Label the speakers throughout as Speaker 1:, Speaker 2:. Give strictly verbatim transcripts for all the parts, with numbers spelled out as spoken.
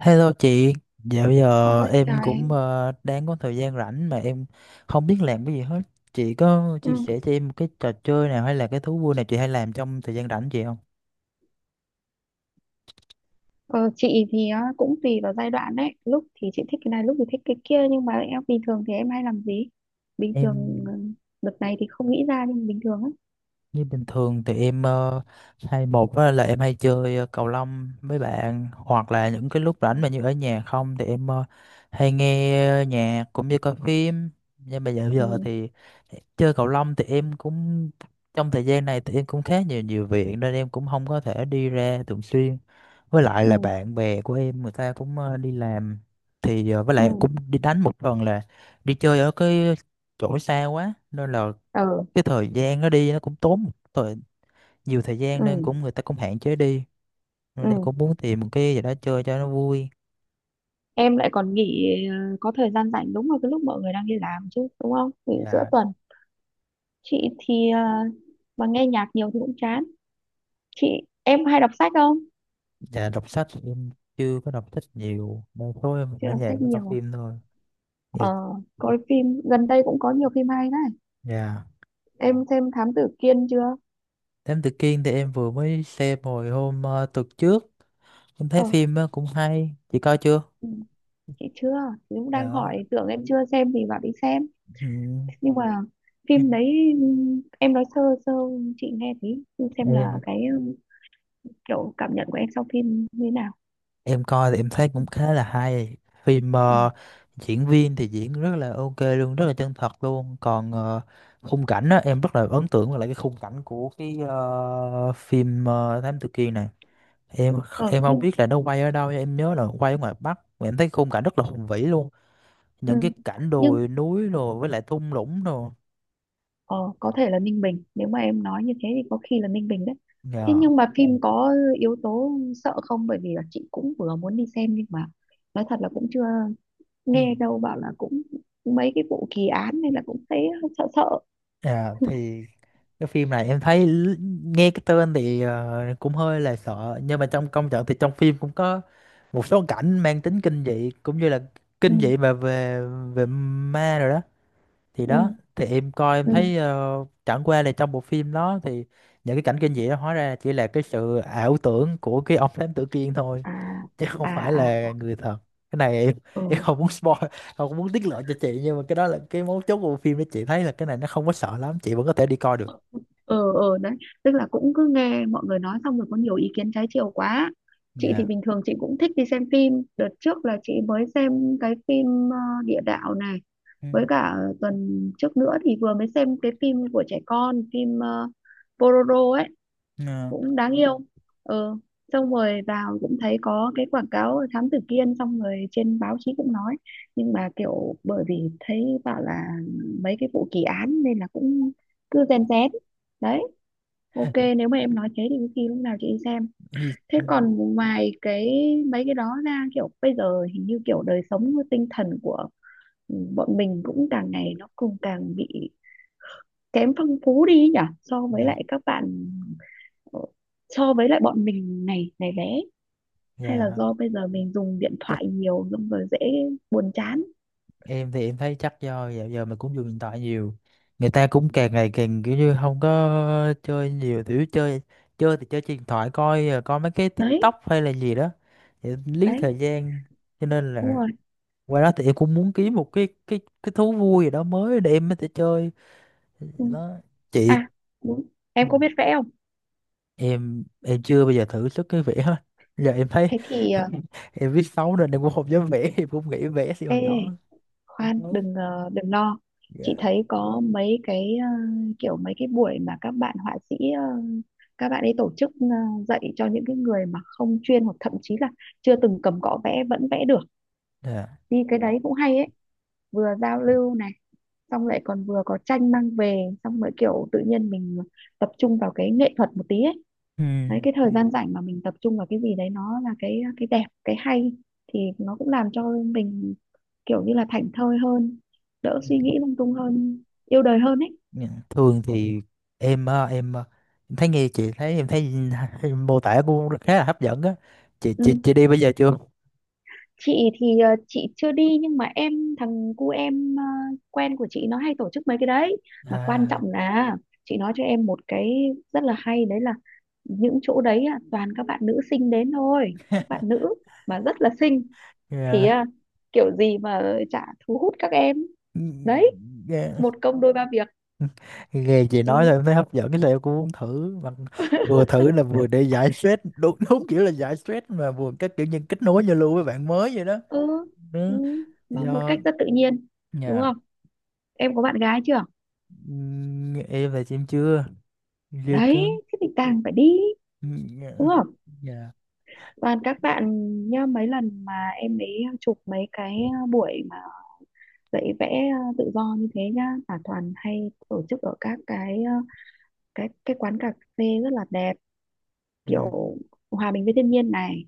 Speaker 1: Hello chị, dạo giờ
Speaker 2: Ôi
Speaker 1: em
Speaker 2: trời em.
Speaker 1: cũng ờ, đang có thời gian rảnh mà em không biết làm cái gì hết. Chị có
Speaker 2: ừ.
Speaker 1: chia sẻ cho em một cái trò chơi nào hay là cái thú vui nào chị hay làm trong thời gian rảnh chị không?
Speaker 2: Ờ, chị thì á, cũng tùy vào giai đoạn đấy, lúc thì chị thích cái này lúc thì thích cái kia, nhưng mà em bình thường thì em hay làm gì bình thường?
Speaker 1: Em
Speaker 2: ừ, Đợt này thì không nghĩ ra nhưng mà bình thường á.
Speaker 1: như bình thường thì em ờ, hay một á là em hay chơi ờ, cầu lông với bạn, hoặc là những cái lúc rảnh mà như ở nhà không thì em ờ, hay nghe nhạc cũng như coi phim. Nhưng mà dạo giờ
Speaker 2: ừ
Speaker 1: thì chơi cầu lông thì em cũng trong thời gian này thì em cũng khá nhiều nhiều việc nên em cũng không có thể đi ra thường xuyên, với lại là
Speaker 2: ừ
Speaker 1: bạn bè của em người ta cũng ờ, đi làm, thì ờ, với
Speaker 2: ừ
Speaker 1: lại cũng đi đánh một phần là đi chơi ở cái chỗ xa quá nên là
Speaker 2: ờ
Speaker 1: cái thời gian nó đi nó cũng tốn một thời, nhiều thời gian nên cũng
Speaker 2: ừ
Speaker 1: người ta cũng hạn chế đi,
Speaker 2: ừ
Speaker 1: nên em cũng muốn tìm một cái gì đó chơi cho nó vui.
Speaker 2: Em lại còn nghỉ ờ, có thời gian rảnh đúng vào cái lúc mọi người đang đi làm chứ đúng không, nghỉ giữa
Speaker 1: và
Speaker 2: tuần. Chị thì ờ, mà nghe nhạc nhiều thì cũng chán. chị em hay đọc sách không?
Speaker 1: và đọc sách thì em chưa có đọc sách nhiều, một số em
Speaker 2: Chị
Speaker 1: ở
Speaker 2: đọc sách
Speaker 1: nhà mới coi
Speaker 2: nhiều à?
Speaker 1: phim thôi. Dạ.
Speaker 2: Ờ, coi phim gần đây cũng có nhiều phim hay đấy.
Speaker 1: Dạ.
Speaker 2: Em xem Thám Tử Kiên chưa?
Speaker 1: Thám Tử Kiên thì em vừa mới xem hồi hôm ờ, tuần trước, em thấy
Speaker 2: ờ
Speaker 1: phim ờ, cũng hay, chị coi chưa?
Speaker 2: ừ, chị chưa. Chị cũng đang
Speaker 1: Dạ,
Speaker 2: hỏi, tưởng em chưa xem thì bảo đi xem.
Speaker 1: ừ.
Speaker 2: Nhưng mà phim đấy, ừm, em nói sơ sơ chị nghe thấy xem là
Speaker 1: em
Speaker 2: cái, ừm, kiểu cảm nhận của em sau phim như thế nào.
Speaker 1: em coi thì em thấy cũng khá là hay. Phim
Speaker 2: ừ.
Speaker 1: ờ, diễn viên thì diễn rất là ok luôn, rất là chân thật luôn. Còn ờ, khung cảnh á, em rất là ấn tượng với lại cái khung cảnh của cái ờ, phim ờ, Thám Tử Kiên này. em
Speaker 2: ờ
Speaker 1: em không
Speaker 2: nhưng
Speaker 1: biết là nó quay ở đâu, em nhớ là quay ở ngoài Bắc mà em thấy khung cảnh rất là hùng vĩ luôn,
Speaker 2: ừ.
Speaker 1: những cái cảnh
Speaker 2: nhưng
Speaker 1: đồi núi rồi với lại thung lũng rồi.
Speaker 2: ờ, có thể là Ninh Bình, nếu mà em nói như thế thì có khi là Ninh Bình đấy. Thế
Speaker 1: Dạ.
Speaker 2: nhưng mà phim có yếu tố sợ không? Bởi vì là chị cũng vừa muốn đi xem nhưng mà nói thật là cũng chưa,
Speaker 1: Ừ.
Speaker 2: nghe đâu bảo là cũng mấy cái vụ kỳ án nên là cũng thấy hơi sợ sợ.
Speaker 1: À, thì cái phim này em thấy l- nghe cái tên thì ờ, cũng hơi là sợ, nhưng mà trong công trận thì trong phim cũng có một số cảnh mang tính kinh dị cũng như là kinh
Speaker 2: Ừ
Speaker 1: dị mà về về ma rồi đó. Thì
Speaker 2: ừ
Speaker 1: đó thì em coi em
Speaker 2: ừ
Speaker 1: thấy ờ, chẳng qua là trong bộ phim đó thì những cái cảnh kinh dị đó hóa ra chỉ là cái sự ảo tưởng của cái ông thám tử Kiên thôi,
Speaker 2: à
Speaker 1: chứ không
Speaker 2: à
Speaker 1: phải
Speaker 2: à
Speaker 1: là người thật. Cái này em, em
Speaker 2: ừ
Speaker 1: không muốn spoil, không có muốn tiết lộ cho chị, nhưng mà cái đó là cái mấu chốt của bộ phim đó, chị thấy là cái này nó không có sợ lắm, chị vẫn có thể đi coi được.
Speaker 2: ừ ừ Đấy, tức là cũng cứ nghe mọi người nói xong rồi có nhiều ý kiến trái chiều quá. Chị thì
Speaker 1: Dạ.
Speaker 2: bình thường chị cũng thích đi xem phim, đợt trước là chị mới xem cái phim ờ, địa đạo này,
Speaker 1: Ừ.
Speaker 2: với cả tuần trước nữa thì vừa mới xem cái phim của trẻ con, phim uh, Pororo ấy,
Speaker 1: Ờ.
Speaker 2: cũng đáng yêu. Ờ, xong rồi vào cũng thấy có cái quảng cáo Thám Tử Kiên, xong rồi trên báo chí cũng nói, nhưng mà kiểu bởi vì thấy bảo là mấy cái vụ kỳ án nên là cũng cứ rèn rén đấy. Ok, nếu mà em nói thế thì có khi lúc nào chị đi xem.
Speaker 1: Ừ,
Speaker 2: Thế
Speaker 1: ừ,
Speaker 2: còn ngoài cái mấy cái đó ra, kiểu bây giờ hình như kiểu đời sống tinh thần của bọn mình cũng càng ngày nó cũng càng bị kém phong phú đi ấy nhỉ, so với
Speaker 1: dạ.
Speaker 2: lại các bạn. Ờ, so với lại bọn mình này này bé, hay là
Speaker 1: Dạ,
Speaker 2: do bây giờ mình dùng điện
Speaker 1: chắc
Speaker 2: thoại nhiều xong rồi dễ buồn chán?
Speaker 1: em thì em thấy chắc do dạo giờ mình cũng dùng điện thoại nhiều, người ta cũng càng ngày càng kiểu như không có chơi nhiều kiểu chơi. Chơi thì chơi trên điện thoại, coi ờ, coi mấy cái
Speaker 2: Đấy,
Speaker 1: TikTok hay là gì đó để giết
Speaker 2: đấy,
Speaker 1: thời gian. Cho nên
Speaker 2: đúng
Speaker 1: là
Speaker 2: rồi.
Speaker 1: qua đó thì em cũng muốn kiếm một cái cái cái thú vui gì đó mới để em có thể chơi
Speaker 2: Ừ.
Speaker 1: đó chị.
Speaker 2: À đúng, em có biết vẽ không?
Speaker 1: em em chưa bao giờ thử sức cái vẽ hết, giờ em thấy
Speaker 2: Thế thì ờ,
Speaker 1: em viết xấu nên em cũng không dám vẽ, em cũng nghĩ vẽ xí
Speaker 2: ê
Speaker 1: hồi nhỏ, đúng
Speaker 2: Khoan,
Speaker 1: không?
Speaker 2: đừng ờ, đừng lo. Chị
Speaker 1: Dạ.
Speaker 2: thấy có mấy cái ờ, kiểu mấy cái buổi mà các bạn họa sĩ ờ, các bạn ấy tổ chức, ờ, dạy cho những cái người mà không chuyên, hoặc thậm chí là chưa từng cầm cọ vẽ vẫn vẽ được.
Speaker 1: Dạ.
Speaker 2: Đi cái đấy cũng hay ấy, vừa giao lưu này, xong lại còn vừa có tranh mang về, xong rồi kiểu tự nhiên mình tập trung vào cái nghệ thuật một tí ấy.
Speaker 1: Ừ.
Speaker 2: Đấy, cái thời gian rảnh mà mình tập trung vào cái gì đấy nó là cái cái đẹp cái hay, thì nó cũng làm cho mình kiểu như là thảnh thơi hơn, đỡ suy nghĩ lung tung hơn, yêu đời hơn ấy.
Speaker 1: Dạ. Thường thì em ờ, em ờ, em thấy nghe chị thấy em thấy em mô tả cũng khá là hấp dẫn á, chị chị
Speaker 2: ừ
Speaker 1: chị đi bây giờ chưa?
Speaker 2: chị thì ờ, chị chưa đi, nhưng mà em thằng cu em, ờ, quen của chị nó hay tổ chức mấy cái đấy. Mà quan
Speaker 1: À,
Speaker 2: trọng là chị nói cho em một cái rất là hay đấy, là những chỗ đấy á, toàn các bạn nữ xinh đến thôi, các bạn nữ mà rất là xinh. Thì
Speaker 1: dạ.
Speaker 2: ờ, kiểu gì mà chả thu hút các em.
Speaker 1: Ừ,
Speaker 2: Đấy,
Speaker 1: dạ.
Speaker 2: một công đôi ba việc.
Speaker 1: Nghe chị nói là
Speaker 2: ừ,
Speaker 1: em thấy hấp dẫn cái là em cũng muốn thử mà, vừa thử là vừa để giải stress, đúng đúng kiểu là giải stress mà vừa các kiểu như kết nối giao lưu với bạn mới vậy đó.
Speaker 2: ừ, ừ,
Speaker 1: Ừ.
Speaker 2: mà một
Speaker 1: Do
Speaker 2: cách rất tự nhiên, đúng
Speaker 1: nhà
Speaker 2: không? Em có bạn gái chưa?
Speaker 1: ừm, em là em chưa, chưa
Speaker 2: Đấy,
Speaker 1: có.
Speaker 2: thế thì càng phải đi,
Speaker 1: Nhà.
Speaker 2: đúng không?
Speaker 1: Nhà.
Speaker 2: Toàn các bạn nhá, mấy lần mà em ấy chụp mấy cái ờ, buổi mà dạy vẽ ờ, tự do như thế nhá, là toàn hay tổ chức ở các cái ờ, cái cái quán cà phê rất là đẹp, kiểu hòa bình với thiên nhiên này,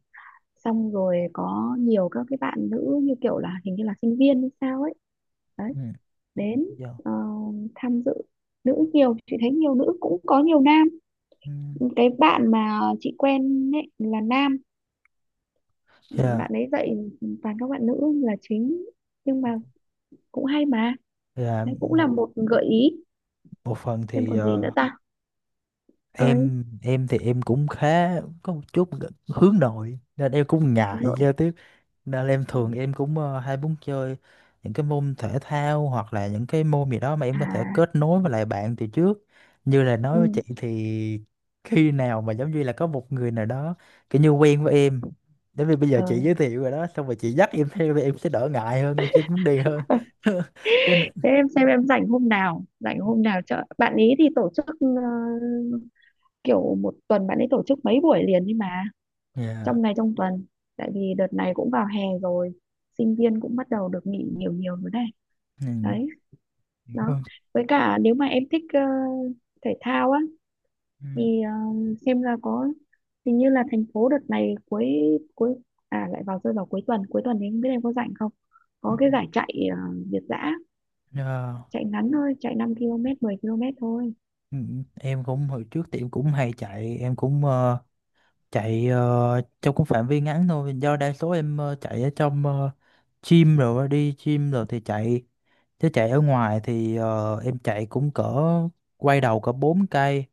Speaker 2: xong rồi có nhiều các cái bạn nữ như kiểu là hình như là sinh viên hay sao ấy. Đấy, đến
Speaker 1: Do
Speaker 2: ờ, tham dự, nữ nhiều, chị thấy nhiều nữ cũng có nhiều nam.
Speaker 1: ừm,
Speaker 2: Cái bạn mà chị quen ấy là nam,
Speaker 1: dạ. Ừ. Dạ.
Speaker 2: bạn ấy dạy toàn các bạn nữ là chính, nhưng mà cũng hay mà.
Speaker 1: Dạ,
Speaker 2: Đấy cũng là
Speaker 1: một
Speaker 2: một gợi ý.
Speaker 1: một phần
Speaker 2: Xem
Speaker 1: thì
Speaker 2: còn gì nữa
Speaker 1: ờ,
Speaker 2: ta. Ơi.
Speaker 1: em em thì em cũng khá có một chút hướng nội nên em cũng
Speaker 2: Hướng
Speaker 1: ngại
Speaker 2: nội.
Speaker 1: giao
Speaker 2: Rồi.
Speaker 1: tiếp. Nên em
Speaker 2: Ừ.
Speaker 1: thường em cũng ờ, hay muốn chơi những cái môn thể thao hoặc là những cái môn gì đó mà em
Speaker 2: à
Speaker 1: có thể kết nối với lại bạn từ trước. Như là
Speaker 2: ừ
Speaker 1: nói với chị thì khi nào mà giống như là có một người nào đó kiểu như quen với em. Đến vì bây giờ
Speaker 2: ờ
Speaker 1: chị giới thiệu rồi đó, xong rồi chị dắt em theo thì em sẽ đỡ ngại hơn, em sẽ muốn đi hơn.
Speaker 2: Ờ,
Speaker 1: Cho nên...
Speaker 2: Thế em xem em rảnh hôm nào, rảnh hôm nào chợ bạn ấy thì tổ chức, ờ, kiểu một tuần bạn ấy tổ chức mấy buổi liền, nhưng mà
Speaker 1: Dạ.
Speaker 2: trong ngày trong tuần, tại vì đợt này cũng vào hè rồi, sinh viên cũng bắt đầu được nghỉ nhiều nhiều rồi đây.
Speaker 1: Ừ.
Speaker 2: Đấy, đó,
Speaker 1: Vâng.
Speaker 2: với cả nếu mà em thích ờ, thể thao á,
Speaker 1: Ừ.
Speaker 2: thì ờ, xem là có hình như là thành phố đợt này cuối cuối à, lại vào rơi vào cuối tuần, cuối tuần thì không biết em có rảnh không, có cái giải chạy ờ, việt dã,
Speaker 1: Ờ,
Speaker 2: chạy ngắn thôi, chạy năm ki lô mét mười ki lô mét thôi.
Speaker 1: ừ, em cũng hồi trước thì em cũng hay chạy, em cũng ờ, chạy ờ, trong cũng phạm vi ngắn thôi, do đa số em ờ, chạy ở trong ờ, gym rồi á, đi gym rồi thì chạy. Chứ chạy ở ngoài thì ờ, em chạy cũng cỡ quay đầu cỡ bốn cây,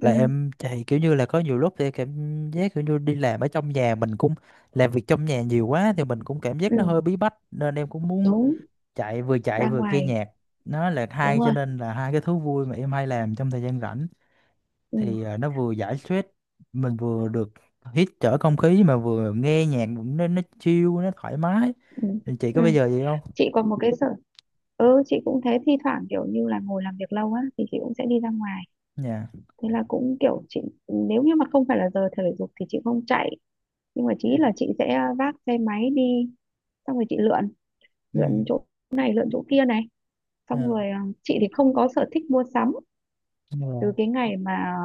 Speaker 2: ừ
Speaker 1: là em chạy kiểu như là có nhiều lúc thì cảm giác kiểu như đi làm ở trong nhà, mình cũng làm việc trong nhà nhiều quá thì mình cũng cảm giác
Speaker 2: ừ
Speaker 1: nó hơi bí bách, nên em cũng muốn
Speaker 2: Đúng,
Speaker 1: chạy, vừa chạy
Speaker 2: ra
Speaker 1: vừa nghe
Speaker 2: ngoài,
Speaker 1: nhạc. Nó là
Speaker 2: đúng
Speaker 1: hai, cho
Speaker 2: rồi.
Speaker 1: nên là hai cái thú vui mà em hay làm trong thời gian rảnh,
Speaker 2: ừ
Speaker 1: thì à, nó vừa giải stress mình, vừa được hít thở không khí mà vừa nghe nhạc cũng nó nó chill nó thoải mái.
Speaker 2: ừ
Speaker 1: Thì chị có
Speaker 2: ừ
Speaker 1: bây giờ gì không?
Speaker 2: chị còn một cái sở, ừ chị cũng thế, thi thoảng kiểu như là ngồi làm việc lâu á thì chị cũng sẽ đi ra ngoài.
Speaker 1: Dạ.
Speaker 2: Thế là cũng kiểu chị, nếu như mà không phải là giờ thể dục thì chị không chạy, nhưng mà chỉ
Speaker 1: Dạ.
Speaker 2: là chị sẽ vác xe máy đi, xong rồi chị lượn, lượn
Speaker 1: Ừ.
Speaker 2: chỗ này lượn chỗ kia này, xong
Speaker 1: Dạ.
Speaker 2: rồi à, chị thì không có sở thích mua sắm. Từ
Speaker 1: Dạ.
Speaker 2: cái ngày mà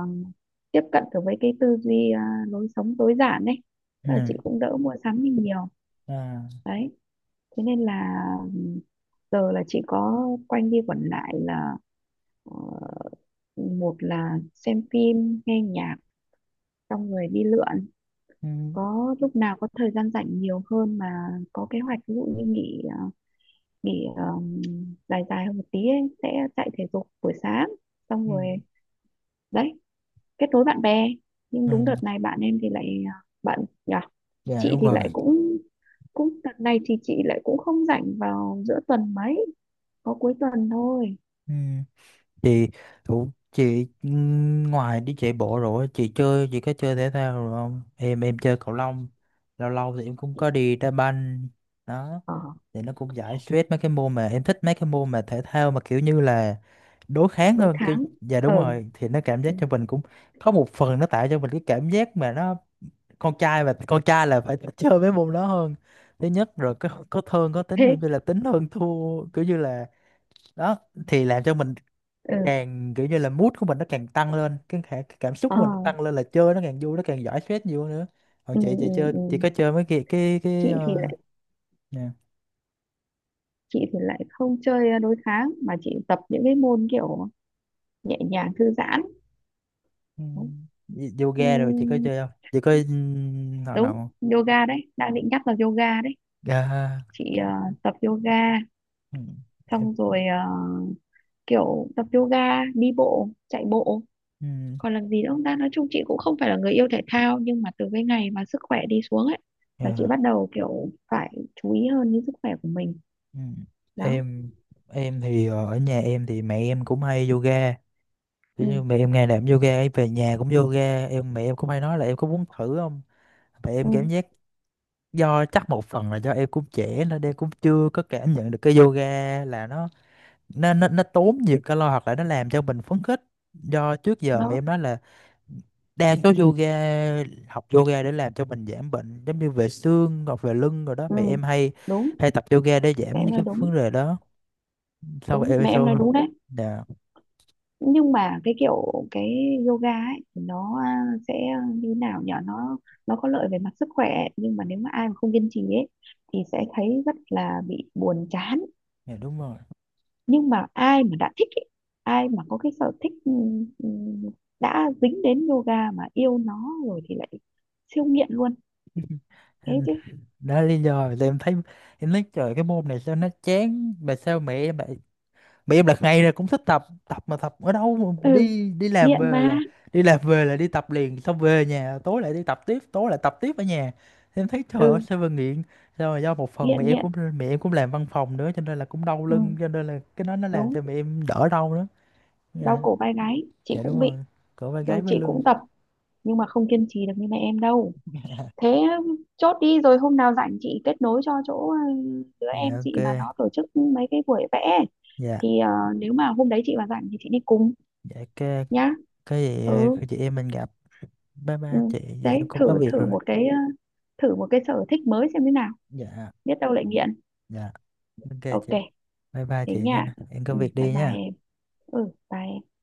Speaker 2: tiếp cận được với cái tư duy à, lối sống tối giản ấy,
Speaker 1: Ừ.
Speaker 2: tức là chị cũng đỡ mua sắm đi nhiều.
Speaker 1: Dạ.
Speaker 2: Đấy, thế nên là giờ là chị có quanh đi quẩn lại là ờ, một là xem phim nghe nhạc, xong rồi đi lượn.
Speaker 1: Ừ.
Speaker 2: Có lúc nào có thời gian rảnh nhiều hơn mà có kế hoạch, ví dụ như nghỉ à, nghỉ um, dài dài hơn một tí ấy, sẽ chạy thể dục buổi sáng, xong
Speaker 1: Ừ.
Speaker 2: rồi đấy, kết nối bạn bè. Nhưng
Speaker 1: Ừ.
Speaker 2: đúng đợt này bạn em thì lại à, bạn nhỉ.
Speaker 1: Dạ
Speaker 2: Chị
Speaker 1: đúng
Speaker 2: thì lại
Speaker 1: rồi.
Speaker 2: cũng, cũng đợt này thì chị lại cũng không rảnh vào giữa tuần mấy, có cuối tuần thôi.
Speaker 1: Ừ. Chị thủ chị ừ, ngoài đi chạy bộ rồi chị chơi chị có chơi thể thao rồi không? Em em chơi cầu lông, lâu lâu thì em cũng có đi đá banh đó.
Speaker 2: Ờ
Speaker 1: Thì nó cũng giải stress, mấy cái môn mà em thích, mấy cái môn mà thể thao mà kiểu như là đối kháng
Speaker 2: cuối
Speaker 1: hơn kiểu,
Speaker 2: tháng.
Speaker 1: dạ
Speaker 2: ờ
Speaker 1: đúng rồi, thì nó cảm giác
Speaker 2: ừ,
Speaker 1: cho mình cũng có một phần nó tạo cho mình cái cảm giác mà nó con trai và con trai là phải chơi mấy môn đó hơn, thứ nhất rồi có có thương có tính
Speaker 2: Thế.
Speaker 1: kiểu như là tính hơn thua kiểu như là đó, thì làm cho mình
Speaker 2: ừ
Speaker 1: càng kiểu như là mood của mình nó càng tăng lên, cái khả- cái cảm xúc
Speaker 2: ờ
Speaker 1: của mình nó tăng lên là chơi nó càng vui, nó càng giải stress nhiều hơn nữa. Còn
Speaker 2: ừ,
Speaker 1: chị chị
Speaker 2: ừ,
Speaker 1: chơi chị
Speaker 2: ừ.
Speaker 1: có chơi mấy cái cái cái
Speaker 2: Chị thì
Speaker 1: uh...
Speaker 2: lại, chị thì lại không chơi à, đối kháng, mà chị tập những cái môn kiểu nhẹ nhàng thư giãn.
Speaker 1: Ừ. Y- Yoga rồi chị có
Speaker 2: Ừ,
Speaker 1: chơi không? Chị có ừm, hoạt động
Speaker 2: đúng,
Speaker 1: không?
Speaker 2: yoga đấy, đang định nhắc là yoga đấy.
Speaker 1: Dạ,
Speaker 2: Chị ờ, tập yoga,
Speaker 1: ừ. Em
Speaker 2: xong rồi ờ, kiểu tập yoga, đi bộ, chạy bộ.
Speaker 1: ừm,
Speaker 2: Còn làm gì nữa không ta, nói chung chị cũng không phải là người yêu thể thao, nhưng mà từ cái ngày mà sức khỏe đi xuống ấy, là chị
Speaker 1: dạ,
Speaker 2: bắt đầu kiểu phải chú ý hơn đến sức khỏe của mình.
Speaker 1: ừm.
Speaker 2: Đó.
Speaker 1: Em em thì ờ, ở nhà em thì mẹ em cũng hay yoga.
Speaker 2: ừ
Speaker 1: Kiểu như mẹ em ngày nào cũng yoga, ấy, về nhà cũng yoga. Em mẹ em cũng hay nói là em có muốn thử không? Mẹ em cảm
Speaker 2: ừ
Speaker 1: giác do chắc một phần là do em cũng trẻ nên em cũng chưa có cảm nhận được cái yoga là nó nó nó nó tốn nhiều calo hoặc là nó làm cho mình phấn khích. Do trước giờ mà
Speaker 2: Đó.
Speaker 1: em nói là đa số yoga học yoga để làm cho mình giảm bệnh, giống như về xương hoặc về lưng rồi đó,
Speaker 2: ừ
Speaker 1: mẹ em hay
Speaker 2: Đúng,
Speaker 1: hay tập yoga để
Speaker 2: mẹ
Speaker 1: giảm
Speaker 2: em
Speaker 1: những
Speaker 2: nói
Speaker 1: cái
Speaker 2: đúng,
Speaker 1: vấn đề đó. Sau
Speaker 2: đúng
Speaker 1: em
Speaker 2: mẹ em nói
Speaker 1: sau.
Speaker 2: đúng đấy.
Speaker 1: Dạ.
Speaker 2: Nhưng mà cái kiểu cái yoga ấy thì nó à, sẽ như nào nhở, nó nó có lợi về mặt sức khỏe ấy, nhưng mà nếu mà ai mà không kiên trì ấy thì sẽ thấy rất là bị buồn chán.
Speaker 1: Dạ đúng rồi.
Speaker 2: Nhưng mà ai mà đã thích ấy, ai mà có cái sở thích ừ, ừ, đã dính đến yoga mà yêu nó rồi thì lại siêu nghiện luôn. Thế
Speaker 1: Em-
Speaker 2: chứ.
Speaker 1: đó là lý do mà em thấy em nói trời cái môn này sao nó chán, mà sao mẹ em lại, mà em là ngày nào cũng thích tập tập, mà tập ở đâu mà
Speaker 2: ừ
Speaker 1: đi đi làm
Speaker 2: Nghiện
Speaker 1: về
Speaker 2: mà.
Speaker 1: là đi làm về là đi tập liền, xong về nhà tối lại đi tập tiếp, tối lại tập tiếp ở nhà. Thì em thấy trời ơi
Speaker 2: ừ
Speaker 1: sao mà nghiện, sao mà do một phần mẹ
Speaker 2: Nghiện
Speaker 1: em
Speaker 2: nghiện.
Speaker 1: cũng mẹ em cũng làm văn phòng nữa cho nên là cũng đau
Speaker 2: ừ
Speaker 1: lưng, cho nên là cái đó nó làm
Speaker 2: Đúng,
Speaker 1: cho mẹ em đỡ đau nữa.
Speaker 2: đau
Speaker 1: Dạ.
Speaker 2: cổ vai gáy chị
Speaker 1: Dạ đúng
Speaker 2: cũng bị,
Speaker 1: rồi, cổ vai
Speaker 2: rồi
Speaker 1: gáy với
Speaker 2: chị
Speaker 1: lưng.
Speaker 2: cũng tập nhưng mà không kiên trì được như mẹ em đâu. Thế, chốt đi, rồi hôm nào rảnh chị kết nối cho chỗ ừ, đứa
Speaker 1: Dạ
Speaker 2: em
Speaker 1: ok.
Speaker 2: chị mà nó tổ chức mấy cái buổi vẽ ấy.
Speaker 1: Dạ.
Speaker 2: Thì ờ, nếu mà hôm đấy chị mà rảnh thì chị đi cùng
Speaker 1: Dạ ok.
Speaker 2: nhá.
Speaker 1: Cái gì
Speaker 2: ừ,
Speaker 1: cái chị em mình gặp, bye
Speaker 2: ừ.
Speaker 1: bye chị, giờ em
Speaker 2: Đấy,
Speaker 1: cũng
Speaker 2: thử,
Speaker 1: có việc
Speaker 2: thử
Speaker 1: rồi.
Speaker 2: một cái ờ, thử một cái sở thích mới xem thế nào,
Speaker 1: Dạ.
Speaker 2: biết đâu lại nghiện.
Speaker 1: Dạ ok
Speaker 2: Ok,
Speaker 1: chị, bye bye
Speaker 2: thế
Speaker 1: chị
Speaker 2: nha.
Speaker 1: nha, em có
Speaker 2: Ừ,
Speaker 1: việc
Speaker 2: bye
Speaker 1: đi
Speaker 2: bye
Speaker 1: nha.
Speaker 2: em. Ừ bye em.